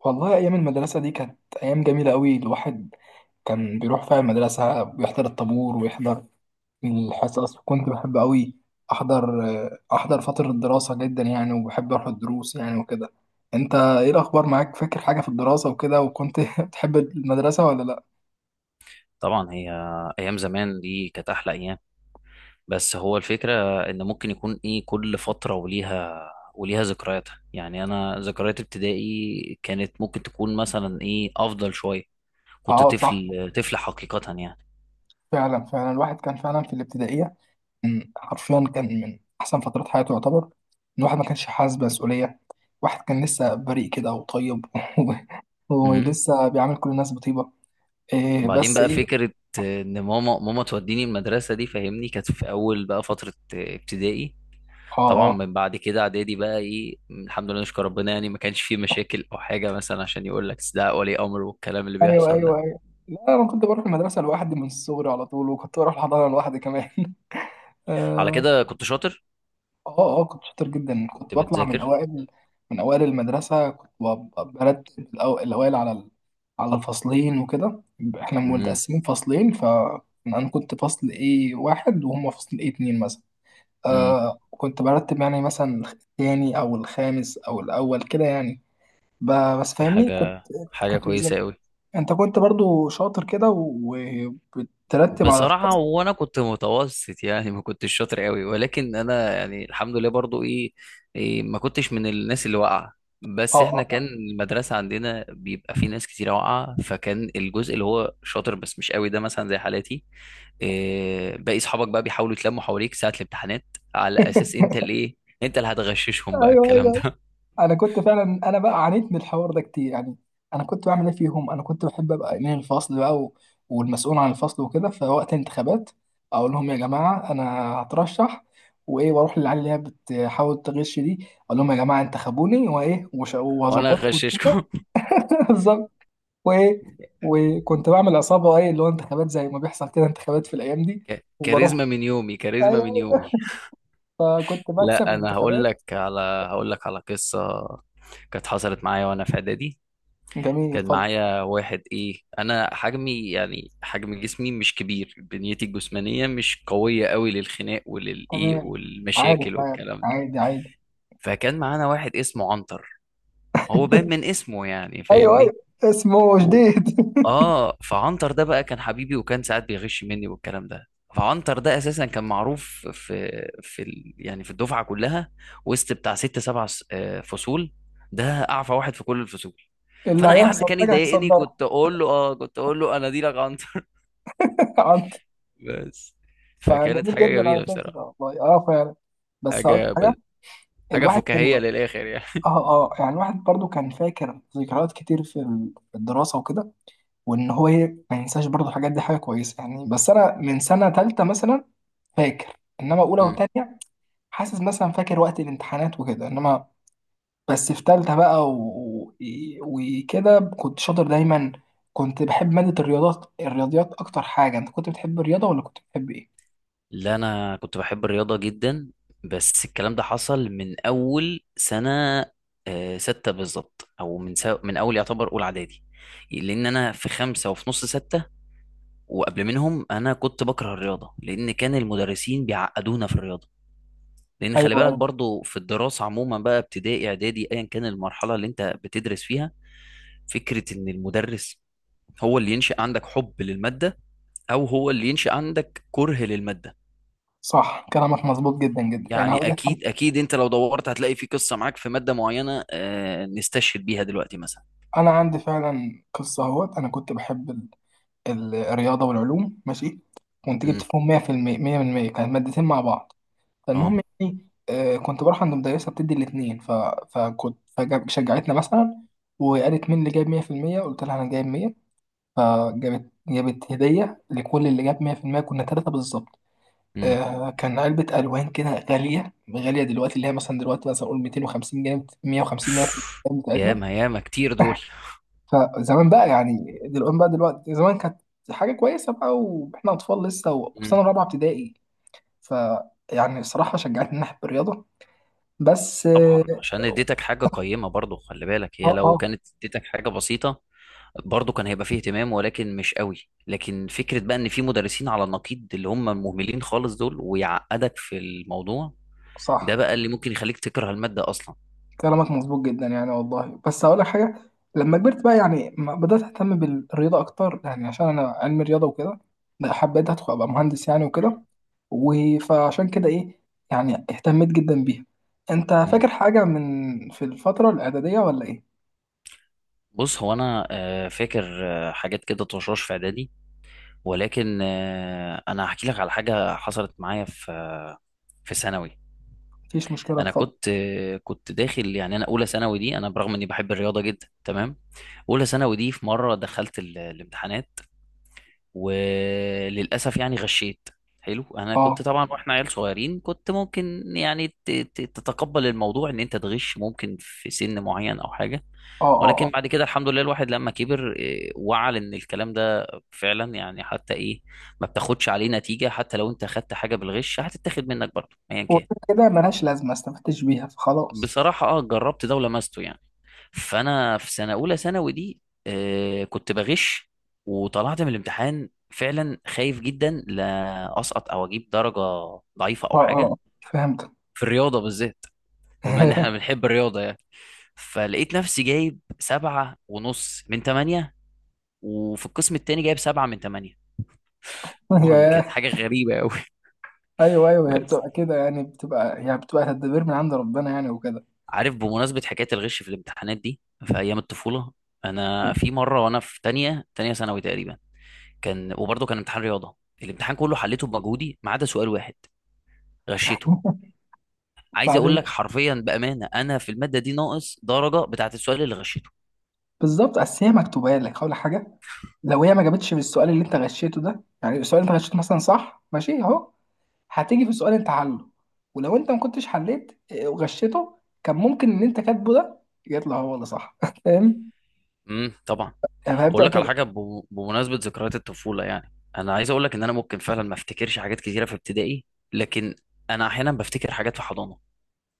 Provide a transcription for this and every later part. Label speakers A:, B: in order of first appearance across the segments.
A: والله أيام المدرسة دي كانت أيام جميلة أوي. الواحد كان بيروح فيها المدرسة، بيحضر الطابور ويحضر الحصص. كنت بحب أوي أحضر أحضر فترة الدراسة جدا، يعني، وبحب أروح الدروس يعني وكده. أنت إيه الأخبار معاك؟ فاكر حاجة في الدراسة وكده؟ وكنت بتحب المدرسة ولا لأ؟
B: طبعا، هي ايام زمان دي كانت احلى ايام. بس هو الفكره ان ممكن يكون ايه كل فتره وليها ذكرياتها. يعني انا ذكريات ابتدائي كانت ممكن تكون مثلا ايه افضل شويه. كنت
A: أه، صح.
B: طفل طفل حقيقه يعني.
A: فعلا فعلا الواحد كان فعلا في الابتدائية. كان حرفيا، كان من احسن فترات حياته يعتبر. ان واحد ما كانش حاسس بمسؤوليه. واحد كان لسه بريء كده وطيب.
B: امم.
A: ولسه بيعامل كل الناس بطيبه. إيه
B: بعدين
A: بس
B: بقى
A: ايه.
B: فكره ان ماما توديني المدرسه دي فاهمني، كانت في اول بقى فتره ابتدائي.
A: اه،
B: طبعا
A: اه.
B: من بعد كده اعدادي بقى ايه الحمد لله نشكر ربنا، يعني ما كانش فيه مشاكل او حاجه مثلا عشان يقول لك ده ولي امر والكلام اللي
A: ايوه،
B: بيحصل
A: ايوه،
B: ده.
A: ايوه. لا، انا كنت بروح المدرسه لوحدي من الصغر على طول، وكنت بروح الحضانه لوحدي كمان.
B: على كده كنت شاطر.
A: اه، اه. كنت شاطر جدا،
B: كنت
A: كنت بطلع من
B: بتذاكر.
A: اوائل، المدرسه. كنت برتب الاوائل على على الفصلين وكده. احنا
B: امم.
A: متقسمين فصلين، فانا كنت فصل ايه واحد وهم فصل ايه اتنين مثلا.
B: امم.
A: آه، كنت برتب يعني مثلا الثاني او الخامس او الاول كده يعني. بس
B: دي
A: فاهمني كنت.
B: حاجة
A: كنت بذاكر.
B: كويسة قوي.
A: انت كنت برضو شاطر كده وبترتب على
B: بصراحة
A: الفصل.
B: وانا كنت متوسط، يعني ما كنتش شاطر قوي، ولكن انا يعني الحمد لله برضو ايه، إيه ما كنتش من الناس اللي واقعة.
A: اه،
B: بس احنا كان
A: اه.
B: المدرسة عندنا بيبقى في ناس كتير واقعة، فكان الجزء اللي هو شاطر بس مش قوي ده مثلا زي حالاتي. إيه باقي اصحابك بقى بيحاولوا يتلموا حواليك ساعة الامتحانات على اساس انت الايه، انت اللي هتغششهم بقى
A: ايوه،
B: الكلام
A: ايوه.
B: ده.
A: انا كنت فعلا، انا بقى عانيت من الحوار ده كتير، يعني انا كنت بعمل ايه فيهم. انا كنت بحب ابقى امين الفصل بقى والمسؤول عن الفصل وكده. فوقت الانتخابات اقول لهم: يا جماعه، انا هترشح وايه، واروح للعيال اللي هي بتحاول تغش دي، اقول لهم: يا جماعه، انتخبوني وايه
B: وانا
A: وهظبطكم.
B: هغششكم.
A: بالظبط. وايه، وكنت بعمل عصابه ايه اللي هو انتخابات زي ما بيحصل كده انتخابات في الايام دي. وبروح،
B: كاريزما من يومي، كاريزما من
A: ايوه.
B: يومي.
A: فكنت بكسب
B: لا انا هقول
A: الانتخابات.
B: لك على هقول لك على قصه كانت حصلت معايا وانا في اعدادي.
A: جميل،
B: كان
A: اتفضل.
B: معايا واحد ايه، انا حجمي يعني حجم جسمي مش كبير، بنيتي الجسمانيه مش قويه قوي للخناق وللايه
A: تمام. عارف،
B: والمشاكل
A: عارف،
B: والكلام ده.
A: عادي، عادي.
B: فكان معانا واحد اسمه عنتر، هو باين من اسمه يعني
A: ايوه، ايوه.
B: فاهمني.
A: اسمه
B: و-
A: جديد.
B: اه فعنتر ده بقى كان حبيبي، وكان ساعات بيغش مني والكلام ده. فعنتر ده اساسا كان معروف في يعني في الدفعه كلها، وسط بتاع ست سبع فصول. ده اعفى واحد في كل الفصول.
A: اللي
B: فانا اي حد
A: هيحصل
B: كان
A: حاجه
B: يضايقني
A: هيصدرها.
B: كنت اقول له انا دي لك عنتر.
A: عنده.
B: بس. فكانت
A: فجميل
B: حاجه
A: جدا على
B: جميله بصراحه.
A: فكره، والله. اه، فعلا. بس هقول لك
B: حاجه
A: حاجه:
B: ب... حاجه
A: الواحد كان
B: فكاهيه للاخر
A: اه، اه، يعني الواحد برضو كان فاكر ذكريات كتير في في الدراسه وكده. وان هو ايه ما ينساش برضو الحاجات دي، حاجه كويسه يعني. بس انا من سنه ثالثه مثلا فاكر، انما اولى
B: يعني.
A: وثانيه حاسس مثلا فاكر وقت الامتحانات وكده، انما بس في تالتة بقى وكده كنت شاطر دايما. كنت بحب مادة الرياضيات أكتر حاجة. أنت كنت بتحب الرياضة ولا كنت بتحب إيه؟
B: لا انا كنت بحب الرياضه جدا. بس الكلام ده حصل من اول سنه ستة بالظبط، او من اول يعتبر اولى اعدادي. لان انا في خمسة وفي نص ستة، وقبل منهم انا كنت بكره الرياضه، لان كان المدرسين بيعقدونا في الرياضه. لان
A: أيوه،
B: خلي بالك
A: أيوه.
B: برضو في الدراسه عموما بقى ابتدائي اعدادي ايا كان المرحله اللي انت بتدرس فيها، فكره ان المدرس هو اللي ينشئ عندك حب للماده او هو اللي ينشئ عندك كره للماده.
A: صح، كلامك مظبوط جدا جدا. يعني
B: يعني
A: هقول لك حاجة:
B: اكيد اكيد انت لو دورت هتلاقي في قصه معاك في ماده معينه نستشهد بيها دلوقتي مثلا.
A: أنا عندي فعلا قصة أهوت. أنا كنت بحب الرياضة والعلوم، ماشي. كنت جبت
B: امم.
A: فيهم 100% 100%، كانت مادتين مع بعض. فالمهم
B: اه.
A: يعني، كنت بروح عند مدرسة بتدي الاتنين فشجعتنا مثلا، وقالت مين اللي جايب 100%؟ قلت لها أنا جايب 100. فجابت هدية لكل اللي جاب 100%، كنا ثلاثة بالظبط.
B: امم.
A: آه، كان علبة ألوان كده، غالية غالية دلوقتي، اللي هي مثلا دلوقتي مثلا أقول 250 جنيه 150 جنيه في الأيام بتاعتنا.
B: ياما ياما كتير دول.
A: فزمان بقى يعني دلوقتي بقى دلوقتي، زمان كانت حاجة كويسة بقى، وإحنا أطفال لسه، وفي
B: امم.
A: سنة رابعة ابتدائي. ف، يعني الصراحة شجعتني ناحية الرياضة. بس
B: طبعا عشان اديتك حاجه قيمه، برضو خلي بالك هي
A: اه،
B: لو
A: اه.
B: كانت اديتك حاجه بسيطه برضو كان هيبقى فيه اهتمام ولكن مش قوي. لكن فكره بقى ان في مدرسين على النقيض اللي هم مهملين خالص دول ويعقدك في الموضوع. ده
A: صح،
B: بقى اللي ممكن يخليك تكره الماده اصلا.
A: كلامك مظبوط جدا يعني والله. بس هقول لك حاجه: لما كبرت بقى يعني بدات اهتم بالرياضه اكتر، يعني عشان انا علم رياضه وكده. لا، حبيت ادخل ابقى مهندس يعني وكده. فعشان كده ايه، يعني اهتميت جدا بيها. انت
B: امم.
A: فاكر حاجه من في الفتره الاعداديه ولا ايه؟
B: بص هو انا فاكر حاجات كده طشاش في اعدادي، ولكن انا هحكي لك على حاجه حصلت معايا في ثانوي.
A: مفيش مشكله،
B: انا
A: اتفضل.
B: كنت داخل، يعني انا اولى ثانوي دي انا برغم اني بحب الرياضه جدا تمام. اولى ثانوي دي في مره دخلت الامتحانات وللاسف يعني غشيت. حلو، انا كنت
A: اه،
B: طبعا، واحنا عيال صغيرين، كنت ممكن يعني تتقبل الموضوع ان انت تغش ممكن في سن معين او حاجه،
A: اه، اه،
B: ولكن
A: اه.
B: بعد كده الحمد لله الواحد لما كبر وعى ان الكلام ده فعلا، يعني حتى ايه، ما بتاخدش عليه نتيجه. حتى لو انت خدت حاجه بالغش هتتاخد منك برضه ايا كان.
A: وغير كده ملهاش لازمه استفدتش بيها، فخلاص.
B: بصراحه اه، جربت ده ولمسته يعني. فانا في سنه اولى ثانوي دي كنت بغش، وطلعت من الامتحان فعلا خايف جدا لا اسقط او اجيب درجه ضعيفه
A: اه،
B: او
A: اه،
B: حاجه،
A: آه. فهمت.
B: في الرياضه بالذات، بما ان احنا بنحب الرياضه يعني. فلقيت نفسي جايب 7.5 من 8، وفي القسم التاني جايب 7 من 8. طبعا كانت
A: ياه.
B: حاجة غريبة أوي.
A: ايوه، ايوه، هي
B: بس
A: بتبقى كده يعني، بتبقى تدبير من عند ربنا يعني وكده.
B: عارف، بمناسبة حكاية الغش في الامتحانات دي في أيام الطفولة، أنا في مرة وأنا في تانية ثانوي تقريبا، كان وبرضه كان امتحان رياضه، الامتحان كله حليته بمجهودي ما عدا سؤال واحد غشيته. عايز اقول
A: بعدين،
B: لك حرفيا بامانه انا في الماده دي ناقص درجه بتاعت السؤال اللي غشيته.
A: بالظبط. اصل هي مكتوبه لك ولا حاجه. لو هي ما جابتش في السؤال اللي انت غشيته ده، يعني السؤال اللي انت غشيته مثلا صح، ماشي اهو. هتيجي في سؤال انت حله. ولو انت ما كنتش حليت وغشيته، كان ممكن ان انت كاتبه ده يطلع هو اللي صح. فاهم؟
B: امم، طبعا.
A: فهي
B: واقول
A: بتبقى
B: لك على
A: كده.
B: حاجه بمناسبه ذكريات الطفوله، يعني انا عايز اقول لك ان انا ممكن فعلا ما افتكرش حاجات كتيره في ابتدائي، لكن انا احيانا بفتكر حاجات في حضانه.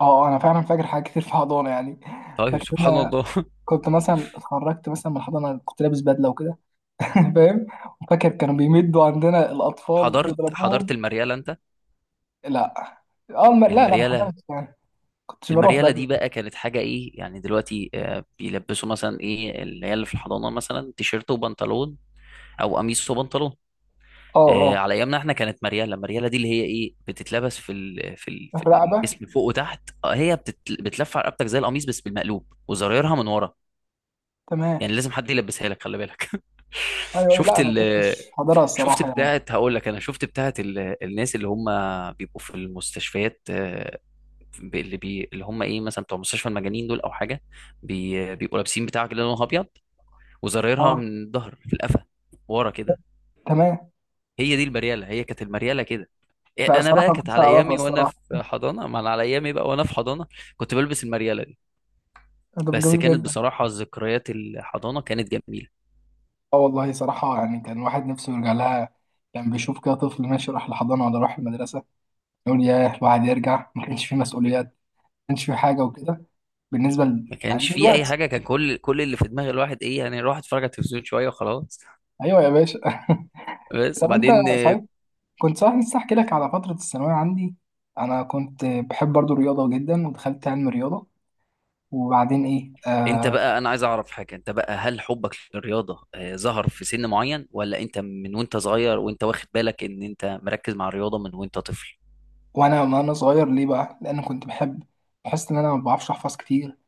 A: اه، انا فعلا فاكر حاجات كتير في حضانه يعني.
B: طيب
A: فاكر إن
B: سبحان
A: انا
B: الله.
A: كنت مثلا اتخرجت مثلا من الحضانه، كنت لابس بدله وكده. فاهم. وفاكر كانوا بيمدوا عندنا الاطفال،
B: حضرت
A: بيضربوهم.
B: المرياله انت؟
A: لا، اه، لا، لا، ما
B: المرياله
A: حضرتش يعني. كنتش بروح
B: المرياله
A: بدري.
B: دي بقى كانت حاجه ايه يعني. دلوقتي بيلبسوا مثلا ايه العيال اللي في الحضانه، مثلا تيشيرت وبنطلون او قميص وبنطلون.
A: اه، اه.
B: على ايامنا احنا كانت مرياله، مرياله دي اللي هي ايه بتتلبس في
A: الرقبة.
B: الجسم فوق وتحت. هي بتلف على رقبتك زي القميص بس بالمقلوب وزرايرها من ورا.
A: تمام.
B: يعني لازم حد يلبسها لك خلي بالك.
A: ايوه، أيوة.
B: شفت
A: لا، انا
B: ال...
A: كنتش حاضرها
B: شفت
A: الصراحة يعني.
B: بتاعت، هقول لك، انا شفت بتاعت الناس اللي هم بيبقوا في المستشفيات، اللي هم ايه مثلا بتوع مستشفى المجانين دول او حاجه، بيبقوا لابسين بتاع كده لونها ابيض وزرايرها
A: اه،
B: من الظهر في القفا ورا كده.
A: تمام.
B: هي دي المريالة، هي كانت المريالة كده.
A: لا،
B: انا
A: الصراحة
B: بقى
A: ما
B: كانت
A: كنتش
B: على
A: أعرفها
B: ايامي وانا
A: الصراحة.
B: في حضانة، ما انا على ايامي بقى وانا في حضانة كنت بلبس المريالة دي.
A: ده
B: بس
A: جميل
B: كانت
A: جدا.
B: بصراحة ذكريات الحضانة كانت جميلة.
A: اه، والله صراحة، يعني كان الواحد نفسه يرجع لها. كان بيشوف كده طفل ماشي راح الحضانة ولا راح المدرسة، يقول ياه، الواحد يرجع. ما كانش فيه مسؤوليات، ما كانش فيه حاجة وكده.
B: ما
A: يعني
B: كانش في اي
A: دلوقتي.
B: حاجة، كان كل اللي في دماغ الواحد ايه يعني الواحد اتفرج على التلفزيون شوية وخلاص.
A: أيوه يا باشا.
B: بس
A: طب أنت،
B: وبعدين
A: صحيح، كنت صحيح لسه أحكي لك على فترة الثانوية عندي. أنا كنت بحب برضو الرياضة جدا، ودخلت علم رياضة. وبعدين ايه،
B: انت
A: آه،
B: بقى انا عايز اعرف حاجة، انت بقى هل حبك للرياضة ظهر في سن معين، ولا انت من وانت صغير وانت واخد بالك ان انت مركز مع الرياضة من وانت طفل؟
A: وانا صغير ليه بقى، لان كنت بحب، بحس ان انا ما بعرفش احفظ كتير.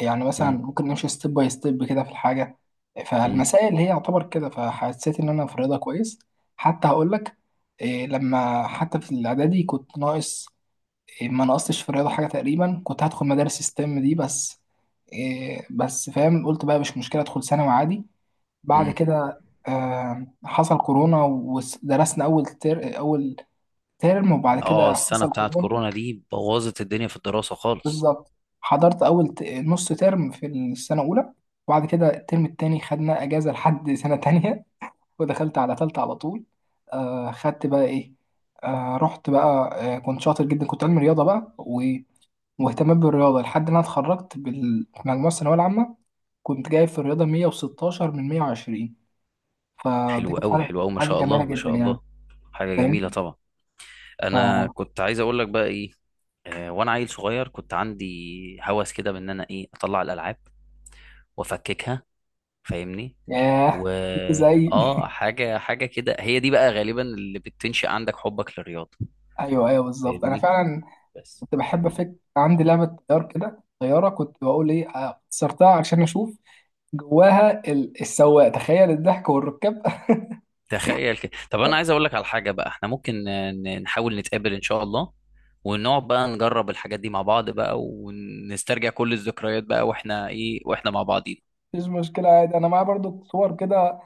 A: يعني مثلا ممكن نمشي ستيب باي ستيب كده في الحاجه، فالمسائل هي يعتبر كده. فحسيت ان انا في الرياضه كويس. حتى هقول لك إيه: لما حتى في الاعدادي كنت ناقص إيه، ما نقصتش في الرياضه حاجه تقريبا، كنت هدخل مدارس ستيم دي، بس إيه، بس فاهم، قلت بقى مش مشكله ادخل ثانوي عادي. بعد
B: امم.
A: كده آه، حصل كورونا، ودرسنا اول اول ترم، وبعد
B: اه.
A: كده
B: السنة
A: حصل
B: بتاعت
A: كورونا.
B: كورونا دي بوظت الدنيا في الدراسة خالص.
A: بالظبط. حضرت أول نص ترم في السنة الأولى، وبعد كده الترم التاني خدنا أجازة لحد سنة تانية، ودخلت على تالتة على طول. آه، خدت بقى إيه. آه، رحت بقى. آه، كنت شاطر جدا، كنت علمي رياضة بقى واهتمام بالرياضة لحد ما أنا اتخرجت بالمجموعة الثانوية العامة. كنت جايب في الرياضة 116 من 120. فدي
B: حلو
A: كانت
B: قوي، حلو قوي، ما
A: حاجة
B: شاء
A: جميلة
B: الله ما
A: جدا
B: شاء
A: يعني.
B: الله. حاجة جميلة
A: فاهم؟
B: طبعا.
A: ف،
B: انا كنت عايز اقول لك بقى ايه، وانا عيل صغير كنت عندي هوس كده بان انا ايه اطلع الالعاب وافككها فاهمني.
A: ياه.
B: و
A: زي،
B: اه حاجة كده هي دي بقى غالبا اللي بتنشئ عندك حبك للرياضة،
A: ايوه، ايوه، بالظبط. انا
B: فاهمني.
A: فعلا
B: بس
A: كنت بحب افك، عندي لعبه كده طياره، كنت بقول ايه، كسرتها عشان اشوف جواها السواق، تخيل، الضحك والركاب.
B: تخيل كده. طب انا عايز اقول لك على حاجه بقى، احنا ممكن نحاول نتقابل ان شاء الله ونقعد بقى نجرب الحاجات دي مع بعض، بقى ونسترجع كل الذكريات بقى واحنا ايه واحنا مع بعضين.
A: مفيش مشكله، عادي، انا معايا برضو صور كده.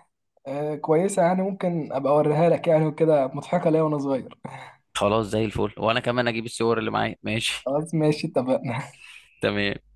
A: كويسه، يعني ممكن ابقى اوريها لك يعني وكده، مضحكه ليا وانا صغير.
B: خلاص زي الفل، وانا كمان اجيب الصور اللي معايا ماشي.
A: خلاص، ماشي، اتفقنا.
B: تمام.